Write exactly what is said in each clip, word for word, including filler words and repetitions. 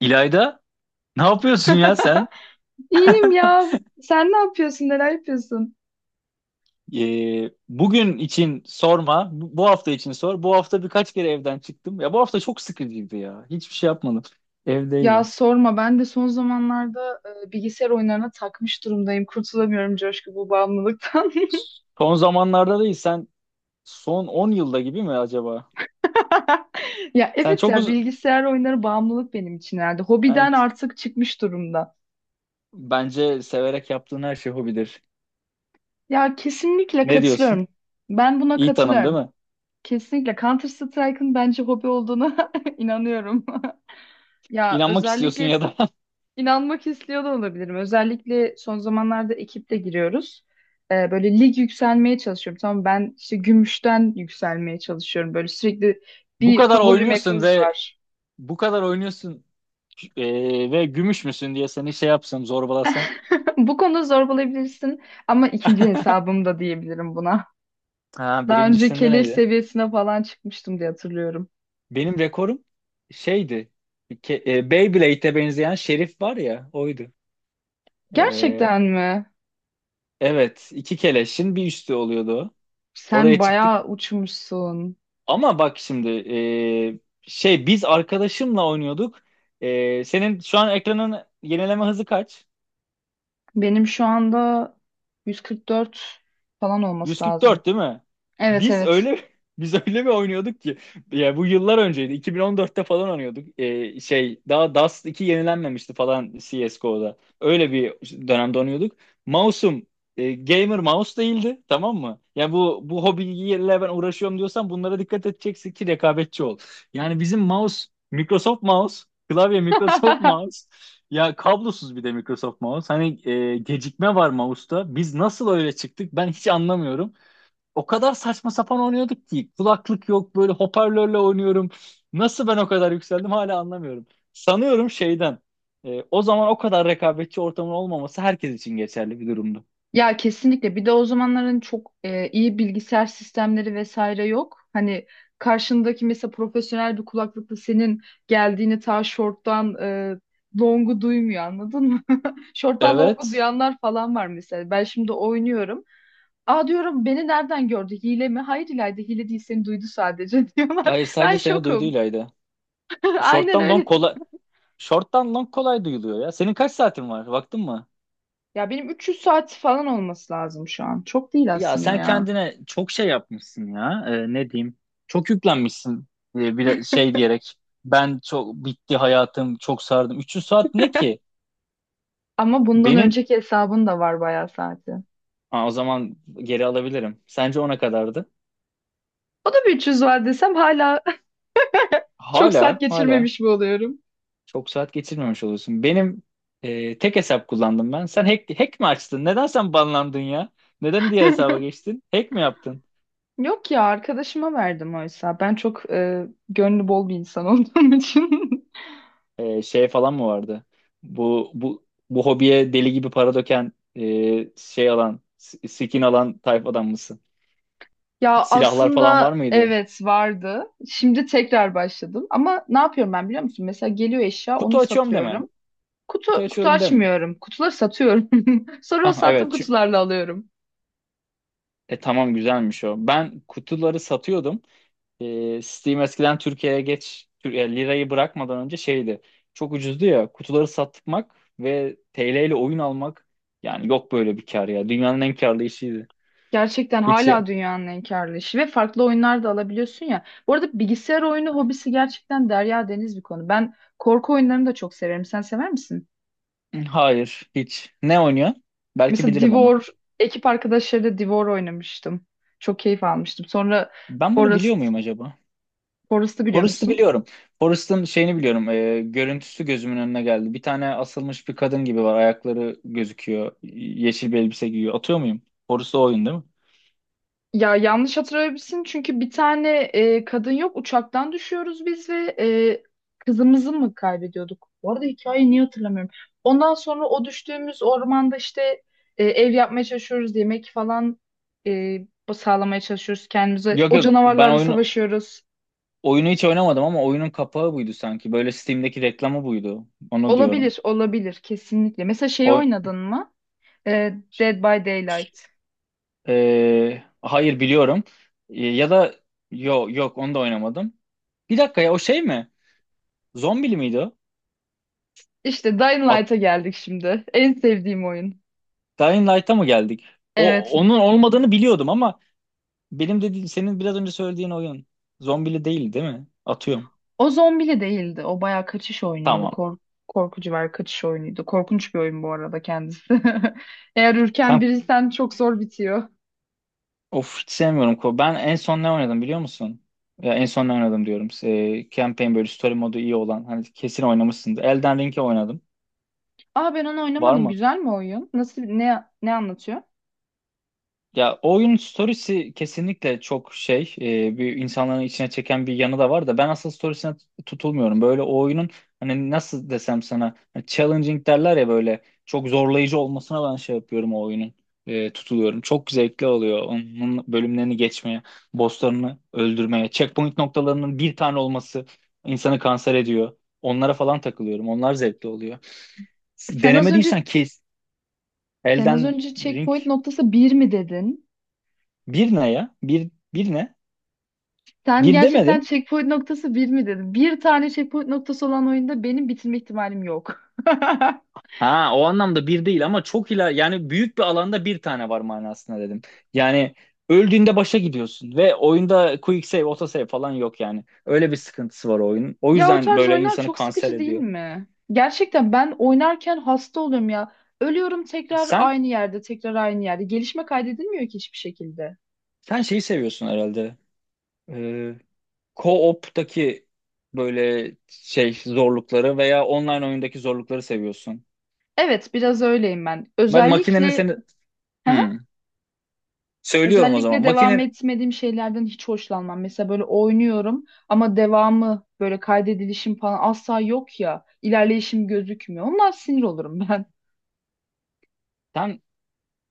İlayda, ne yapıyorsun ya sen? İyiyim ya. Sen ne yapıyorsun? Neler yapıyorsun? Ee, bugün için sorma, bu bu hafta için sor. Bu hafta birkaç kere evden çıktım. Ya bu hafta çok sıkıcıydı ya. Hiçbir şey yapmadım. Ya Evdeydim. sorma, ben de son zamanlarda e, bilgisayar oyunlarına takmış durumdayım. Kurtulamıyorum Coşku, bu bağımlılıktan. Son zamanlarda değil, sen son on yılda gibi mi acaba? Ya Sen evet çok ya uzun... bilgisayar oyunları bağımlılık benim için herhalde. Yani, Hobiden artık çıkmış durumda. bence severek yaptığın her şey hobidir. Ya kesinlikle Ne diyorsun? katılıyorum. Ben buna İyi tanım değil katılıyorum. mi? Kesinlikle Counter Strike'ın bence hobi olduğuna inanıyorum. Ya İnanmak istiyorsun özellikle. ya da İnanmak istiyor da olabilirim. Özellikle son zamanlarda ekiple giriyoruz. Ee, böyle lig yükselmeye çalışıyorum. Tamam, ben işte gümüşten yükselmeye çalışıyorum. Böyle sürekli bu bir kadar favori oynuyorsun map'imiz ve var. bu kadar oynuyorsun ee, ve gümüş müsün diye seni şey yapsam, zorbalasam. Bu konuda zorbalayabilirsin ama ikinci hesabım da diyebilirim buna. Ha, Daha önce birincisinde keleş neydi? seviyesine falan çıkmıştım diye hatırlıyorum. Benim rekorum şeydi. Ke- e, Beyblade'e benzeyen şerif var ya oydu. E, Gerçekten mi? evet iki keleşin bir üstü oluyordu o. Sen Oraya çıktık. bayağı uçmuşsun. Ama bak şimdi e, şey biz arkadaşımla oynuyorduk. E, senin şu an ekranın yenileme hızı kaç? Benim şu anda yüz kırk dört falan olması lazım. yüz kırk dört değil mi? Evet, Biz evet. öyle biz öyle mi oynuyorduk ki? Ya bu yıllar önceydi. iki bin on dörtte falan oynuyorduk. Ee, şey daha Dust iki yenilenmemişti falan C S G O'da. Öyle bir dönemde oynuyorduk. Mouse'um e, gamer mouse değildi, tamam mı? Ya bu bu hobiyle ben uğraşıyorum diyorsan bunlara dikkat edeceksin ki rekabetçi ol. Yani bizim mouse Microsoft mouse, klavye Microsoft mouse. Ya kablosuz bir de Microsoft mouse. Hani e, gecikme var mouse'ta. Biz nasıl öyle çıktık ben hiç anlamıyorum. O kadar saçma sapan oynuyorduk ki. Kulaklık yok böyle hoparlörle oynuyorum. Nasıl ben o kadar yükseldim hala anlamıyorum. Sanıyorum şeyden. E, o zaman o kadar rekabetçi ortamın olmaması herkes için geçerli bir durumdu. Ya kesinlikle. Bir de o zamanların çok e, iyi bilgisayar sistemleri vesaire yok. Hani karşındaki mesela profesyonel bir kulaklıkla senin geldiğini ta şorttan e, longu duymuyor, anladın mı? Şorttan longu Evet. duyanlar falan var mesela. Ben şimdi oynuyorum. Aa, diyorum, beni nereden gördü? Hile mi? Hayır İlayda, hile değil, seni duydu sadece Hayır diyorlar. Ben sadece seni şokum. duyduğuylaydı. Aynen Short'tan long öyle. kolay. Short'tan long kolay duyuluyor ya. Senin kaç saatin var? Baktın mı? Ya benim üç yüz saat falan olması lazım şu an. Çok değil Ya aslında sen ya. kendine çok şey yapmışsın ya. Ee, ne diyeyim? Çok yüklenmişsin ee, bir şey diyerek. Ben çok bitti hayatım, çok sardım. üç yüz saat ne ki? Ama bundan Benim önceki hesabın da var bayağı saati. Aa, o zaman geri alabilirim. Sence ona kadardı? O da bir üç yüz var desem hala çok saat Hala, hala geçirmemiş mi oluyorum? çok saat geçirmemiş oluyorsun. Benim e, tek hesap kullandım ben. Sen hack, hack mi açtın? Neden sen banlandın ya? Neden diğer hesaba geçtin? Hack mi yaptın? Yok ya, arkadaşıma verdim oysa. Ben çok e, gönlü bol bir insan olduğum için. E, şey falan mı vardı? Bu bu bu hobiye deli gibi para döken e, şey alan, s- skin alan tayfadan mısın? Ya Silahlar falan var aslında mıydı? evet vardı. Şimdi tekrar başladım. Ama ne yapıyorum ben biliyor musun? Mesela geliyor eşya, onu Kutu açıyorum deme. satıyorum. Kutu Kutu kutu açıyorum deme. açmıyorum. Kutuları satıyorum. Sonra o Ah sattığım evet. çü- kutularla alıyorum. e tamam güzelmiş o. Ben kutuları satıyordum. E, Steam eskiden Türkiye'ye geç Tür- e, lirayı bırakmadan önce şeydi. Çok ucuzdu ya. Kutuları satmak ve T L ile oyun almak yani yok böyle bir kar ya. Dünyanın en karlı işiydi. Gerçekten Hiç hala dünyanın en karlı işi ve farklı oyunlar da alabiliyorsun ya. Bu arada bilgisayar oyunu hobisi gerçekten derya deniz bir konu. Ben korku oyunlarını da çok severim. Sen sever misin? Hayır, hiç. Ne oynuyor? Belki Mesela bilirim ama. Divor, ekip arkadaşlarıyla Divor oynamıştım. Çok keyif almıştım. Sonra Ben bunu biliyor Forest, muyum acaba? Forest'ı biliyor Forrest'ı musun? biliyorum. Forrest'ın şeyini biliyorum. E, görüntüsü gözümün önüne geldi. Bir tane asılmış bir kadın gibi var. Ayakları gözüküyor. Yeşil bir elbise giyiyor. Atıyor muyum? Forrest o oyun değil mi? Ya yanlış hatırlayabilirsin, çünkü bir tane e, kadın yok, uçaktan düşüyoruz biz ve e, kızımızı mı kaybediyorduk? Bu arada hikayeyi niye hatırlamıyorum. Ondan sonra o düştüğümüz ormanda işte e, ev yapmaya çalışıyoruz, yemek falan e, sağlamaya çalışıyoruz kendimize. Yok O yok. Ben canavarlarla oyunu savaşıyoruz. oyunu hiç oynamadım ama oyunun kapağı buydu sanki. Böyle Steam'deki reklamı buydu. Onu diyorum. Olabilir, olabilir kesinlikle. Mesela şeyi O, oynadın mı? E, Dead by Daylight. e, hayır biliyorum. E, ya da yok yok onu da oynamadım. Bir dakika ya o şey mi? Zombili miydi o? İşte Dying Light'a geldik şimdi. En sevdiğim oyun. Dying Light'a mı geldik? O Evet. onun olmadığını biliyordum ama benim dediğim senin biraz önce söylediğin oyun zombili değil değil mi? Atıyorum. O zombili değildi. O bayağı kaçış oyunuydu. Tamam. Kork korkucu var, kaçış oyunuydu. Korkunç bir oyun bu arada kendisi. Eğer ürken Sen biriysen çok zor bitiyor. of hiç sevmiyorum. ko- Ben en son ne oynadım biliyor musun? Ya en son ne oynadım diyorum. E, campaign böyle story modu iyi olan. Hani kesin oynamışsındır. Elden Ring'i oynadım. Aa, ben onu Var oynamadım. mı? Güzel mi oyun? Nasıl, ne ne anlatıyor? Ya o oyunun storiesi kesinlikle çok şey e, bir insanların içine çeken bir yanı da var da ben asıl storiesine tutulmuyorum. Böyle o oyunun hani nasıl desem sana hani challenging derler ya böyle çok zorlayıcı olmasına ben şey yapıyorum o oyunun e, tutuluyorum. Çok zevkli oluyor onun bölümlerini geçmeye, bosslarını öldürmeye, checkpoint noktalarının bir tane olması insanı kanser ediyor. Onlara falan takılıyorum. Onlar zevkli oluyor. Sen az önce Denemediysen kes. Sen az Elden önce Ring checkpoint noktası bir mi dedin? bir ne ya? Bir, bir ne? Sen Bir demedim. gerçekten checkpoint noktası bir mi dedin? Bir tane checkpoint noktası olan oyunda benim bitirme ihtimalim yok. Ha o anlamda bir değil ama çok iler yani büyük bir alanda bir tane var manasında dedim. Yani öldüğünde başa gidiyorsun ve oyunda quick save, auto save falan yok yani. Öyle bir sıkıntısı var oyunun. O Ya o yüzden tarz böyle oyunlar insanı çok kanser sıkıcı değil ediyor. mi? Gerçekten ben oynarken hasta oluyorum ya. Ölüyorum tekrar Sen aynı yerde, tekrar aynı yerde. Gelişme kaydedilmiyor ki hiçbir şekilde. sen şeyi seviyorsun herhalde. Ee, Co-op'taki böyle şey zorlukları veya online oyundaki zorlukları seviyorsun. Evet, biraz öyleyim ben. Ma- makinenin Özellikle seni Hı hı. Hmm. Söylüyorum o zaman. Özellikle devam Makinen etmediğim şeylerden hiç hoşlanmam. Mesela böyle oynuyorum ama devamı böyle kaydedilişim falan asla yok ya. İlerleyişim gözükmüyor. Ondan sinir olurum ben. sen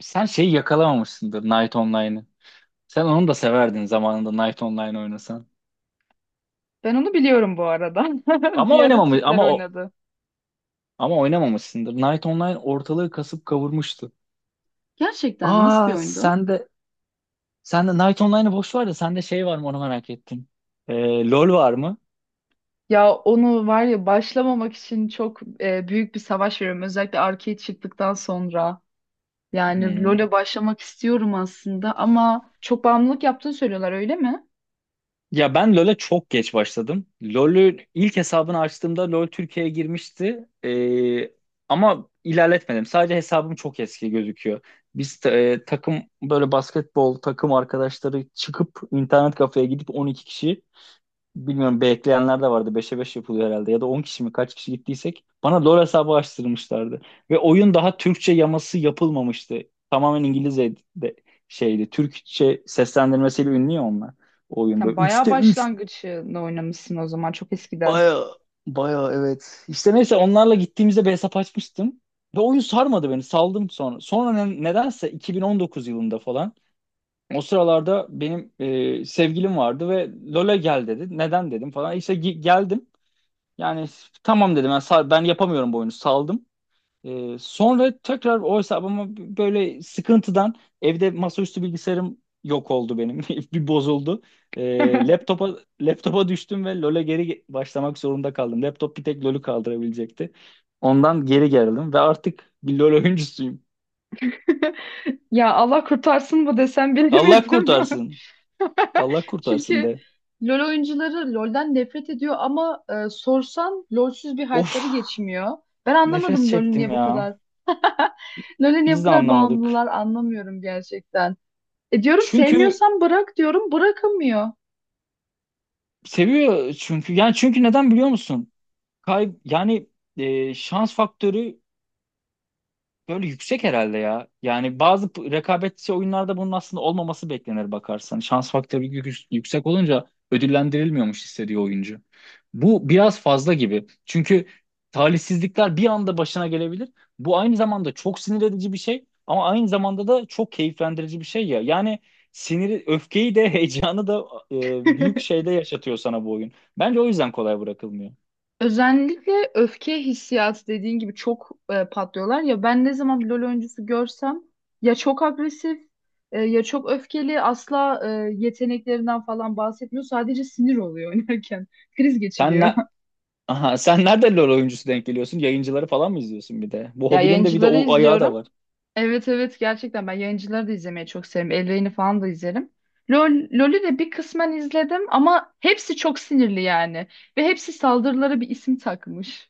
sen şeyi yakalamamışsındır Night Online'ı. Sen onu da severdin zamanında Night Online oynasan. Ben onu biliyorum bu arada. Ama Bir ara oynamamış Türkler ama o oynadı. ama oynamamışsındır. Night Online ortalığı kasıp kavurmuştu. Gerçekten nasıl bir Aa oyundu? sen de Sen de Night Online'ı boş ver de sende şey var mı onu merak ettim. Ee, LoL var mı? Ya onu var ya, başlamamak için çok e, büyük bir savaş veriyorum. Özellikle arcade çıktıktan sonra. Yani Hmm. LoL'e başlamak istiyorum aslında, ama çok bağımlılık yaptığını söylüyorlar, öyle mi? Ya ben LoL'e çok geç başladım. LoL'ü ilk hesabını açtığımda LoL Türkiye'ye girmişti. Ee, ama ilerletmedim. Sadece hesabım çok eski gözüküyor. Biz e, takım böyle basketbol takım arkadaşları çıkıp internet kafeye gidip on iki kişi Bilmiyorum bekleyenler de vardı. Beşe beş yapılıyor herhalde. Ya da on kişi mi kaç kişi gittiysek bana LoL hesabı açtırmışlardı. Ve oyun daha Türkçe yaması yapılmamıştı. Tamamen İngilizce de şeydi. Türkçe seslendirmesiyle ünlü ya onlar. O oyun Sen böyle bayağı üçte üç başlangıcını oynamışsın o zaman, çok eskiden. baya baya evet. İşte neyse onlarla gittiğimizde bir hesap açmıştım. Ve oyun sarmadı beni. Saldım sonra. Sonra ne- nedense iki bin on dokuz yılında falan o sıralarda benim e, sevgilim vardı ve LoL'e gel dedi. Neden dedim falan. İşte gi- geldim. Yani tamam dedim ben, sal- ben yapamıyorum bu oyunu saldım. Ee, sonra tekrar o hesabıma böyle sıkıntıdan evde masaüstü bilgisayarım yok oldu benim. Bir bozuldu. Ee, laptopa laptopa düştüm ve LoL'e geri ge- başlamak zorunda kaldım. Laptop bir tek LoL'ü kaldırabilecekti. Ondan geri geldim ve artık bir LoL oyuncusuyum. Ya Allah kurtarsın bu desem Allah bilemedim. kurtarsın. Allah kurtarsın Çünkü de. LoL oyuncuları LoL'den nefret ediyor ama e, sorsan LoL'süz bir Of, hayatları geçmiyor. Ben nefes anlamadım LoL'ün çektim niye bu ya. kadar. LoL'e niye bu Biz de kadar anlamadık. bağımlılar anlamıyorum gerçekten. E diyorum, Çünkü sevmiyorsan bırak diyorum, bırakamıyor. seviyor çünkü. Yani çünkü neden biliyor musun? Kay yani e, şans faktörü böyle yüksek herhalde ya. Yani bazı p- rekabetçi oyunlarda bunun aslında olmaması beklenir bakarsan. Şans faktörü yük- yüksek olunca ödüllendirilmiyormuş hissediyor oyuncu. Bu biraz fazla gibi. Çünkü talihsizlikler bir anda başına gelebilir. Bu aynı zamanda çok sinir edici bir şey ama aynı zamanda da çok keyiflendirici bir şey ya. Yani siniri, öfkeyi de heyecanı da e, büyük şeyde yaşatıyor sana bu oyun. Bence o yüzden kolay bırakılmıyor. Özellikle öfke hissiyatı dediğin gibi çok e, patlıyorlar ya, ben ne zaman bir LoL oyuncusu görsem ya çok agresif, e, ya çok öfkeli, asla e, yeteneklerinden falan bahsetmiyor, sadece sinir oluyor oynarken kriz Sen geçiriyor. ne- Aha sen nerede LoL oyuncusu denk geliyorsun? Yayıncıları falan mı izliyorsun bir de? Bu Ya hobinin de bir de yayıncıları o ayağı da izliyorum. var. Evet, evet, gerçekten ben yayıncıları da izlemeyi çok severim. El Rey'ni falan da izlerim. LOL, LOL'ü de bir kısmen izledim, ama hepsi çok sinirli yani. Ve hepsi saldırılara bir isim takmış.